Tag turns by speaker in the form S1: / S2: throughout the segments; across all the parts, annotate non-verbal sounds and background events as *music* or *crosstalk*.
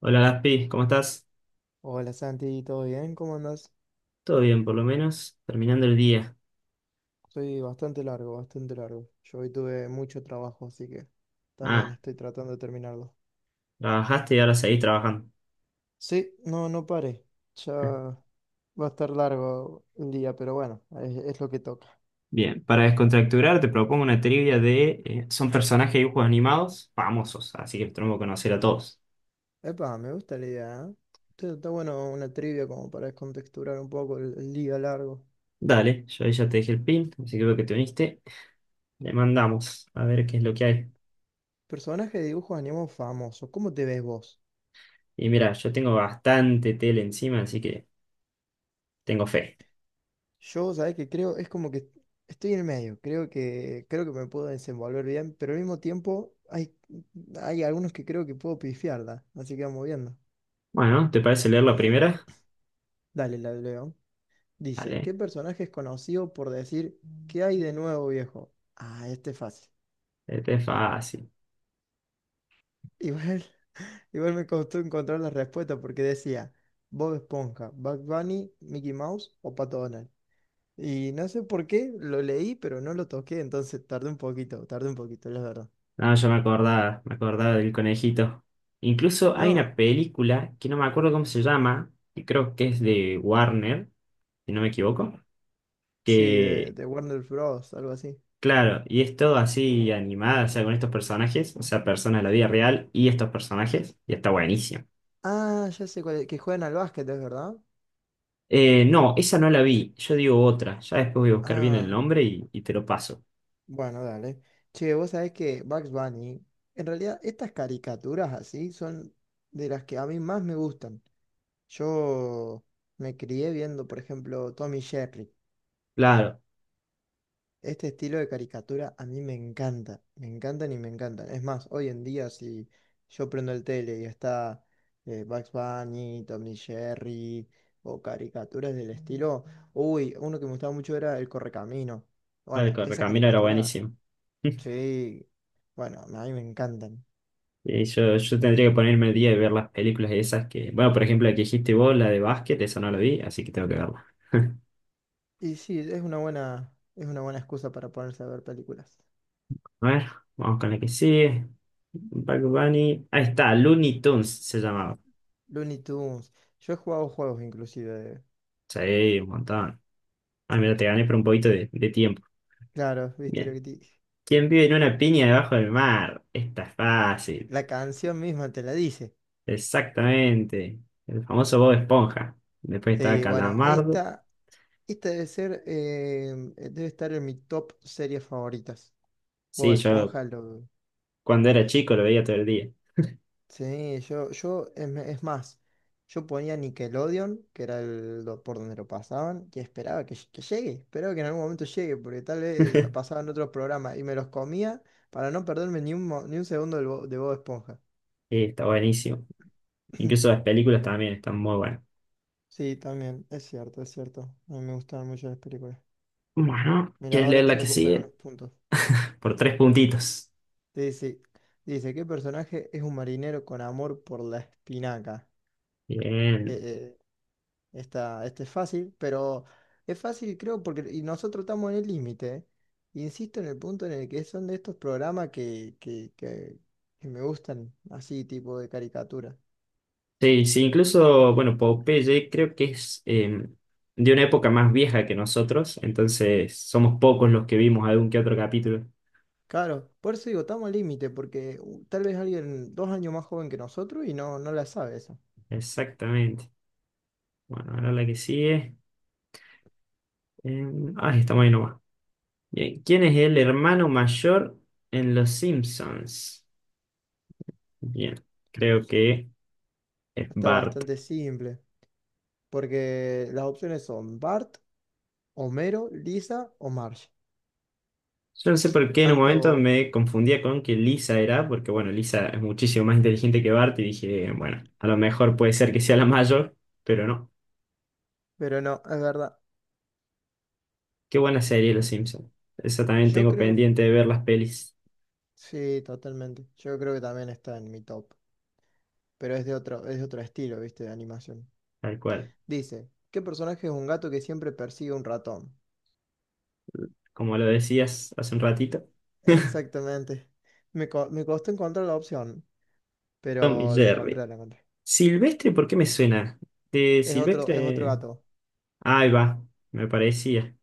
S1: Hola Gaspi, ¿cómo estás?
S2: Hola Santi, ¿todo bien? ¿Cómo andas?
S1: Todo bien, por lo menos, terminando el día.
S2: Soy bastante largo, bastante largo. Yo hoy tuve mucho trabajo, así que también
S1: Ah,
S2: estoy tratando de terminarlo.
S1: trabajaste y ahora seguís trabajando.
S2: Sí, no, no paré. Ya va a estar largo el día, pero bueno, es lo que toca.
S1: Bien, para descontracturar te propongo una trivia son personajes de dibujos animados famosos, así que los tenemos que conocer a todos.
S2: Epa, me gusta la idea, ¿eh? Está bueno una trivia como para descontexturar un poco el día largo.
S1: Dale, yo ahí ya te dejé el pin, así que veo que te uniste. Le mandamos a ver qué es lo que hay.
S2: Personaje de dibujos animados famoso, ¿cómo te ves vos?
S1: Y mira, yo tengo bastante tele encima, así que tengo fe.
S2: Yo, ¿sabes qué? Creo, es como que estoy en el medio, creo que me puedo desenvolver bien, pero al mismo tiempo hay algunos que creo que puedo pifiarla, así que vamos viendo.
S1: Bueno, ¿te parece leer la primera?
S2: Dale, la leo. Dice,
S1: Dale,
S2: ¿qué personaje es conocido por decir qué hay de nuevo, viejo? Ah, este es fácil.
S1: este es fácil.
S2: Igual, *laughs* igual me costó encontrar la respuesta porque decía Bob Esponja, Bugs Bunny, Mickey Mouse o Pato Donald. Y no sé por qué, lo leí, pero no lo toqué, entonces tardé un poquito, la verdad.
S1: No, yo me acordaba del conejito. Incluso hay
S2: No,
S1: una película que no me acuerdo cómo se llama, que creo que es de Warner, si no me equivoco,
S2: sí, de,
S1: que,
S2: de Warner Bros., algo así.
S1: claro, y es todo así animada, o sea, con estos personajes, o sea, personas de la vida real y estos personajes, y está buenísimo.
S2: Ah, ya sé cuál es, que juegan al básquet, ¿es verdad?
S1: No, esa no la vi, yo digo otra, ya después voy a buscar bien el
S2: Ah,
S1: nombre y te lo paso.
S2: bueno, dale. Che, vos sabés que Bugs Bunny, en realidad estas caricaturas así son de las que a mí más me gustan. Yo me crié viendo, por ejemplo, Tommy Jerry.
S1: Claro,
S2: Este estilo de caricatura a mí me encanta, me encantan y me encantan. Es más, hoy en día si yo prendo el tele y está Bugs Bunny, Tom y Jerry o caricaturas del estilo, uy, uno que me gustaba mucho era El Correcamino.
S1: claro, el
S2: Bueno, esa
S1: Correcamino era
S2: caricatura,
S1: buenísimo. *laughs*
S2: sí, bueno, a mí me encantan.
S1: Y yo tendría que ponerme el día y ver las películas esas que. Bueno, por ejemplo, la que dijiste vos, la de básquet, esa no la vi, así que tengo que verla.
S2: Y sí, es una buena excusa para ponerse a ver películas.
S1: A ver, vamos con la que sigue. Bad Bunny. Ahí está, Looney Tunes se llamaba.
S2: Looney Tunes, yo he jugado juegos inclusive.
S1: Sí, un montón. Ah, mira, te gané por un poquito de tiempo.
S2: Claro, viste lo
S1: Bien.
S2: que te dije.
S1: ¿Quién vive en una piña debajo del mar? Esta es fácil.
S2: La canción misma te la dice.
S1: Exactamente. El famoso Bob Esponja. Después estaba
S2: Sí, bueno,
S1: Calamardo.
S2: esta debe ser, debe estar en mi top series favoritas. Bob
S1: Sí, yo
S2: Esponja lo...
S1: cuando era chico lo veía todo el día.
S2: Sí, es es más, yo ponía Nickelodeon, que era el, por donde lo pasaban, y esperaba que, que llegue, esperaba que en algún momento llegue, porque tal vez lo
S1: *laughs*
S2: pasaban otros programas y me los comía para no perderme ni un, ni un segundo de Bob Esponja.
S1: Sí, está buenísimo. Incluso
S2: *clears throat*
S1: las películas también están muy buenas.
S2: Sí, también, es cierto, es cierto. A mí me gustaban mucho las películas.
S1: Bueno,
S2: Mira,
S1: ¿quieres leer
S2: ahora te
S1: la que
S2: recupero
S1: sigue?
S2: unos puntos.
S1: Por tres puntitos.
S2: Dice, dice, ¿qué personaje es un marinero con amor por la espinaca? Eh,
S1: Bien.
S2: eh, esta, este es fácil, pero es fácil creo porque y nosotros estamos en el límite. Insisto en el punto en el que son de estos programas que me gustan, así tipo de caricatura.
S1: Sí, sí, incluso, bueno, Popeye creo que es de una época más vieja que nosotros, entonces somos pocos los que vimos algún que otro capítulo.
S2: Claro, por eso digo, estamos al límite, porque tal vez alguien 2 años más joven que nosotros y no, no la sabe eso.
S1: Exactamente. Bueno, ahora la que sigue. Eh, ah, estamos ahí nomás. Bien. ¿Quién es el hermano mayor en Los Simpsons? Bien, creo que es
S2: Está
S1: Bart.
S2: bastante simple, porque las opciones son Bart, Homero, Lisa o Marge.
S1: Yo no sé por qué en un momento
S2: Tanto,
S1: me confundía con que Lisa era, porque bueno, Lisa es muchísimo más inteligente que Bart y dije, bueno, a lo mejor puede ser que sea la mayor, pero no.
S2: pero no, es verdad.
S1: Qué buena serie Los Simpsons. Esa también
S2: Yo
S1: tengo
S2: creo,
S1: pendiente de ver las pelis,
S2: sí, totalmente. Yo creo que también está en mi top, pero es de otro estilo, ¿viste? De animación.
S1: tal cual.
S2: Dice, ¿qué personaje es un gato que siempre persigue un ratón?
S1: Como lo decías hace un ratito.
S2: Exactamente. Me costó encontrar la opción,
S1: *laughs* Tom y
S2: pero la
S1: Jerry.
S2: encontré, la encontré.
S1: Silvestre, ¿por qué me suena? De
S2: Es otro
S1: Silvestre.
S2: gato.
S1: Ah, ahí va, me parecía.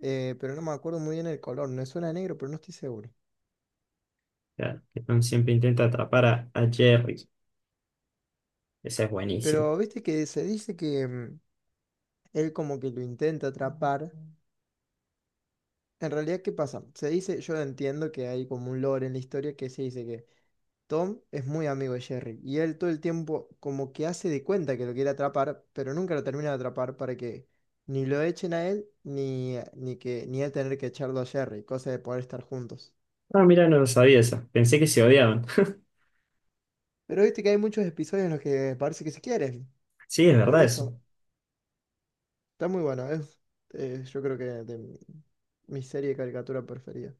S2: Pero no me acuerdo muy bien el color. Me suena a negro, pero no estoy seguro.
S1: Claro, que Tom siempre intenta atrapar a Jerry. Esa es buenísima.
S2: Pero viste que se dice que él como que lo intenta atrapar. En realidad, ¿qué pasa? Se dice, yo entiendo que hay como un lore en la historia que se dice que Tom es muy amigo de Jerry y él todo el tiempo como que hace de cuenta que lo quiere atrapar, pero nunca lo termina de atrapar para que ni lo echen a él ni, ni que ni él tener que echarlo a Jerry, cosa de poder estar juntos.
S1: Ah, mira, no lo sabía eso. Pensé que se odiaban.
S2: Pero viste que hay muchos episodios en los que parece que se quieren,
S1: Sí, es
S2: por
S1: verdad eso.
S2: eso está muy bueno, es yo creo que de mi, mi serie de caricatura preferida.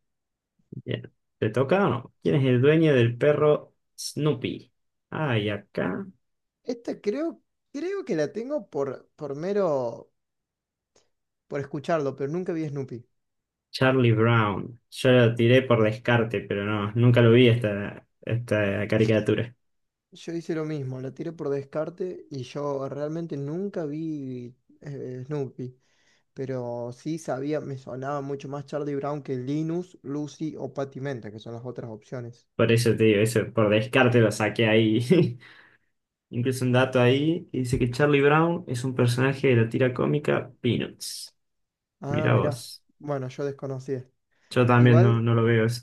S1: Bien. ¿Te toca o no? ¿Quién es el dueño del perro Snoopy? Ah, y acá
S2: Esta creo, creo que la tengo por mero por escucharlo, pero nunca vi Snoopy.
S1: Charlie Brown. Yo lo tiré por descarte, pero no, nunca lo vi esta caricatura.
S2: Yo hice lo mismo, la tiré por descarte y yo realmente nunca vi Snoopy, pero sí sabía, me sonaba mucho más Charlie Brown que Linus, Lucy o Patty Menta, que son las otras opciones.
S1: Por eso te digo, eso, por descarte lo saqué ahí. *laughs* Incluso un dato ahí que dice que Charlie Brown es un personaje de la tira cómica Peanuts.
S2: Ah,
S1: Mira
S2: mirá,
S1: vos.
S2: bueno, yo desconocía.
S1: Yo también no,
S2: Igual,
S1: no lo veo eso,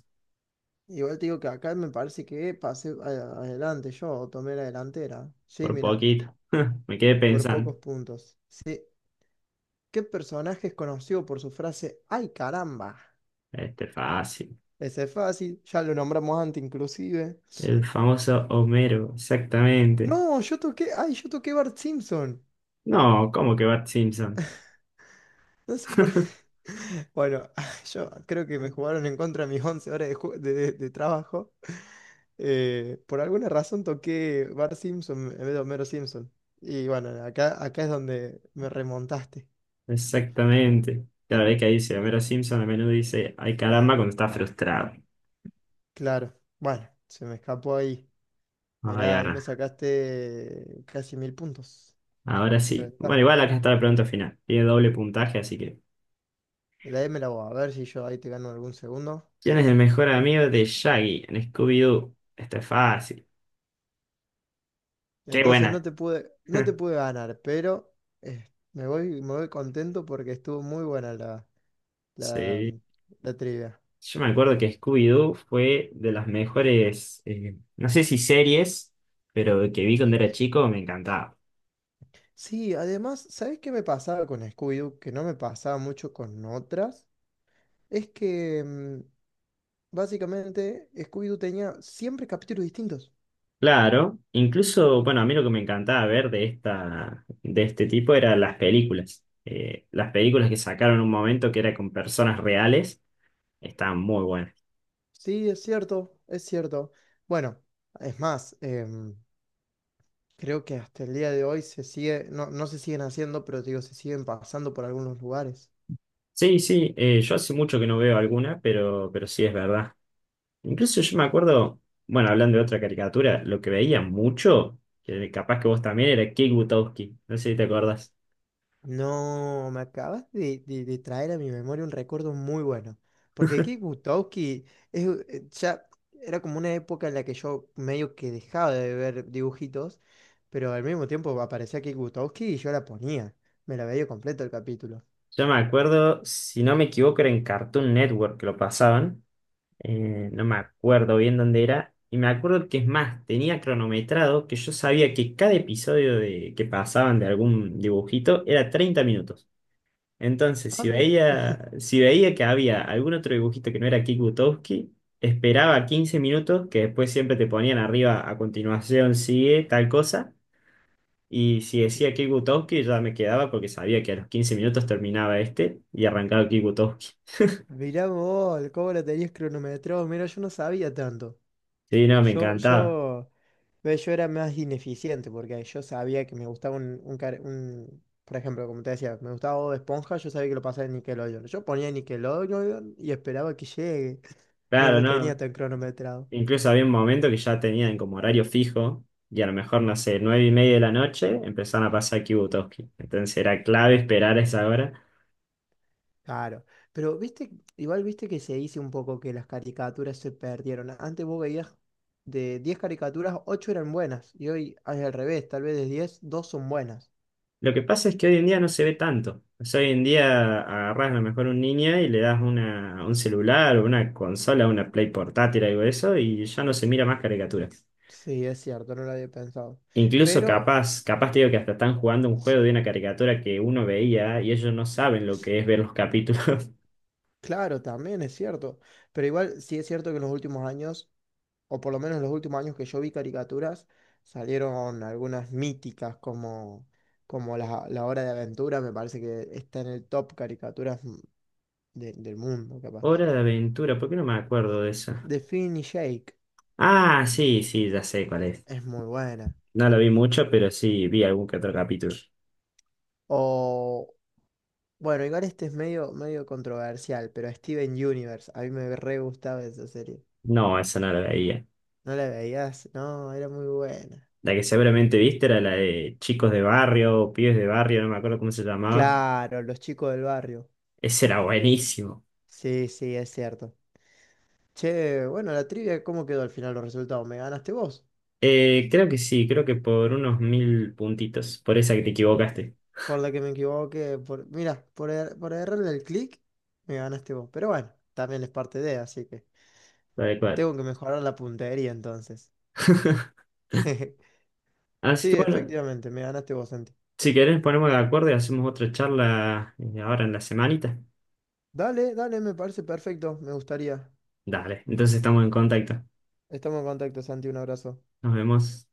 S2: igual te digo que acá me parece que pasé adelante yo, tomé la delantera. Sí,
S1: por
S2: mirá,
S1: poquito. *laughs* Me quedé
S2: por
S1: pensando.
S2: pocos puntos. Sí. ¿Qué personaje es conocido por su frase, ¡ay caramba!?
S1: Este fácil.
S2: Ese es fácil, ya lo nombramos antes inclusive.
S1: El famoso Homero, exactamente.
S2: No, yo toqué, ay, yo toqué Bart Simpson.
S1: No, ¿cómo que Bart Simpson?
S2: No sé por
S1: *laughs*
S2: *laughs* Bueno, *laughs* yo creo que me jugaron en contra mis 11 horas de, de trabajo. Por alguna razón toqué Bart Simpson en vez de Homero Simpson. Y bueno, acá es donde me remontaste.
S1: Exactamente. Cada vez que dice Homero Simpson, a menudo dice, ay caramba, cuando está frustrado.
S2: Claro, bueno, se me escapó ahí.
S1: Ay,
S2: Mirá, ahí me
S1: ahora,
S2: sacaste casi 1.000 puntos
S1: ahora
S2: de
S1: sí. Bueno,
S2: ventaja.
S1: igual acá está la pregunta final. Tiene doble puntaje, así que.
S2: La M la voy a ver si yo ahí te gano algún segundo.
S1: ¿Quién es el mejor amigo de Shaggy en Scooby-Doo? Esto es fácil. ¡Qué
S2: Entonces no
S1: buena!
S2: te pude, no te
S1: *laughs*
S2: pude ganar, pero me voy contento porque estuvo muy buena la,
S1: Sí.
S2: la trivia.
S1: Yo me acuerdo que Scooby-Doo fue de las mejores, no sé si series, pero que vi cuando era chico, me encantaba.
S2: Sí, además, ¿sabés qué me pasaba con Scooby-Doo? Que no me pasaba mucho con otras. Es que básicamente Scooby-Doo tenía siempre capítulos distintos.
S1: Claro, incluso, bueno, a mí lo que me encantaba ver de esta, de este tipo era las películas. Las películas que sacaron en un momento que era con personas reales, estaban muy buenas.
S2: Sí, es cierto, es cierto. Bueno, es más, creo que hasta el día de hoy se sigue, no, no se siguen haciendo, pero digo, se siguen pasando por algunos lugares.
S1: Sí, sí, yo hace mucho que no veo alguna, pero sí es verdad. Incluso yo me acuerdo, bueno, hablando de otra caricatura, lo que veía mucho, que capaz que vos también, era Kick Butowski. No sé si te acordás.
S2: No, me acabas de, de traer a mi memoria un recuerdo muy bueno. Porque aquí Butowski es, ya era como una época en la que yo medio que dejaba de ver dibujitos, pero al mismo tiempo aparecía Kik Butowski y yo la ponía. Me la veía completo el capítulo.
S1: Yo me acuerdo, si no me equivoco, era en Cartoon Network que lo pasaban. No me acuerdo bien dónde era, y me acuerdo que es más, tenía cronometrado que yo sabía que cada episodio de, que pasaban de algún dibujito era 30 minutos. Entonces,
S2: Ah,
S1: si veía, si veía que había algún otro dibujito que no era Kick, esperaba 15 minutos, que después siempre te ponían arriba a continuación, sigue tal cosa. Y si decía Kick, ya me quedaba porque sabía que a los 15 minutos terminaba este y arrancaba Kick.
S2: mirá vos, cómo la tenías cronometrado. Mira, yo no sabía tanto.
S1: Sí, no, me
S2: Yo,
S1: encantaba.
S2: yo, yo era más ineficiente porque yo sabía que me gustaba por ejemplo, como te decía, me gustaba Bob Esponja, yo sabía que lo pasaba en Nickelodeon. Yo ponía Nickelodeon y esperaba que llegue. No
S1: Claro,
S2: lo tenía
S1: no.
S2: tan cronometrado.
S1: Incluso había un momento que ya tenían como horario fijo y a lo mejor, no sé, 9:30 de la noche empezaron a pasar Kibutoski. Entonces era clave esperar a esa hora.
S2: Claro. Pero viste, igual viste que se dice un poco que las caricaturas se perdieron. Antes vos veías de 10 caricaturas, 8 eran buenas. Y hoy es al revés, tal vez de 10 2 son buenas.
S1: Lo que pasa es que hoy en día no se ve tanto. O sea, hoy en día agarrás a lo mejor un niño y le das un celular o una consola, una Play portátil, algo de eso, y ya no se mira más caricaturas.
S2: Sí, es cierto, no lo había pensado.
S1: Incluso
S2: Pero
S1: capaz, capaz te digo que hasta están jugando un juego de una caricatura que uno veía y ellos no saben lo que es ver los capítulos. *laughs*
S2: claro, también es cierto. Pero igual sí es cierto que en los últimos años, o por lo menos en los últimos años que yo vi caricaturas, salieron algunas míticas como, como la Hora de Aventura, me parece que está en el top caricaturas del mundo, capaz.
S1: Hora de aventura, ¿por qué no me acuerdo de eso?
S2: De Finn y Jake
S1: Ah, sí, sí, ya sé cuál es.
S2: es muy buena.
S1: No lo vi mucho, pero sí vi algún que otro capítulo.
S2: O, bueno, igual este es medio, medio controversial, pero Steven Universe, a mí me re gustaba esa serie.
S1: No, esa no la veía.
S2: ¿No la veías? No, era muy buena.
S1: La que seguramente viste era la de chicos de barrio, pibes de barrio, no me acuerdo cómo se llamaba.
S2: Claro, los chicos del barrio.
S1: Ese era buenísimo.
S2: Sí, sí, es cierto. Che, bueno, la trivia, ¿cómo quedó al final los resultados? ¿Me ganaste vos?
S1: Creo que sí, creo que por unos 1000 puntitos, por esa que te equivocaste,
S2: Por la que me equivoqué, por, mira, por, por errarle el clic, me ganaste vos. Pero bueno, también es parte de, así que
S1: tal cual.
S2: tengo que mejorar la puntería entonces.
S1: *laughs*
S2: *laughs*
S1: Así
S2: Sí,
S1: que bueno,
S2: efectivamente, me ganaste vos, Santi.
S1: si querés ponemos de acuerdo y hacemos otra charla ahora en la semanita.
S2: Dale, dale, me parece perfecto, me gustaría.
S1: Dale, entonces estamos en contacto.
S2: Estamos en contacto, Santi, un abrazo.
S1: Nos vemos.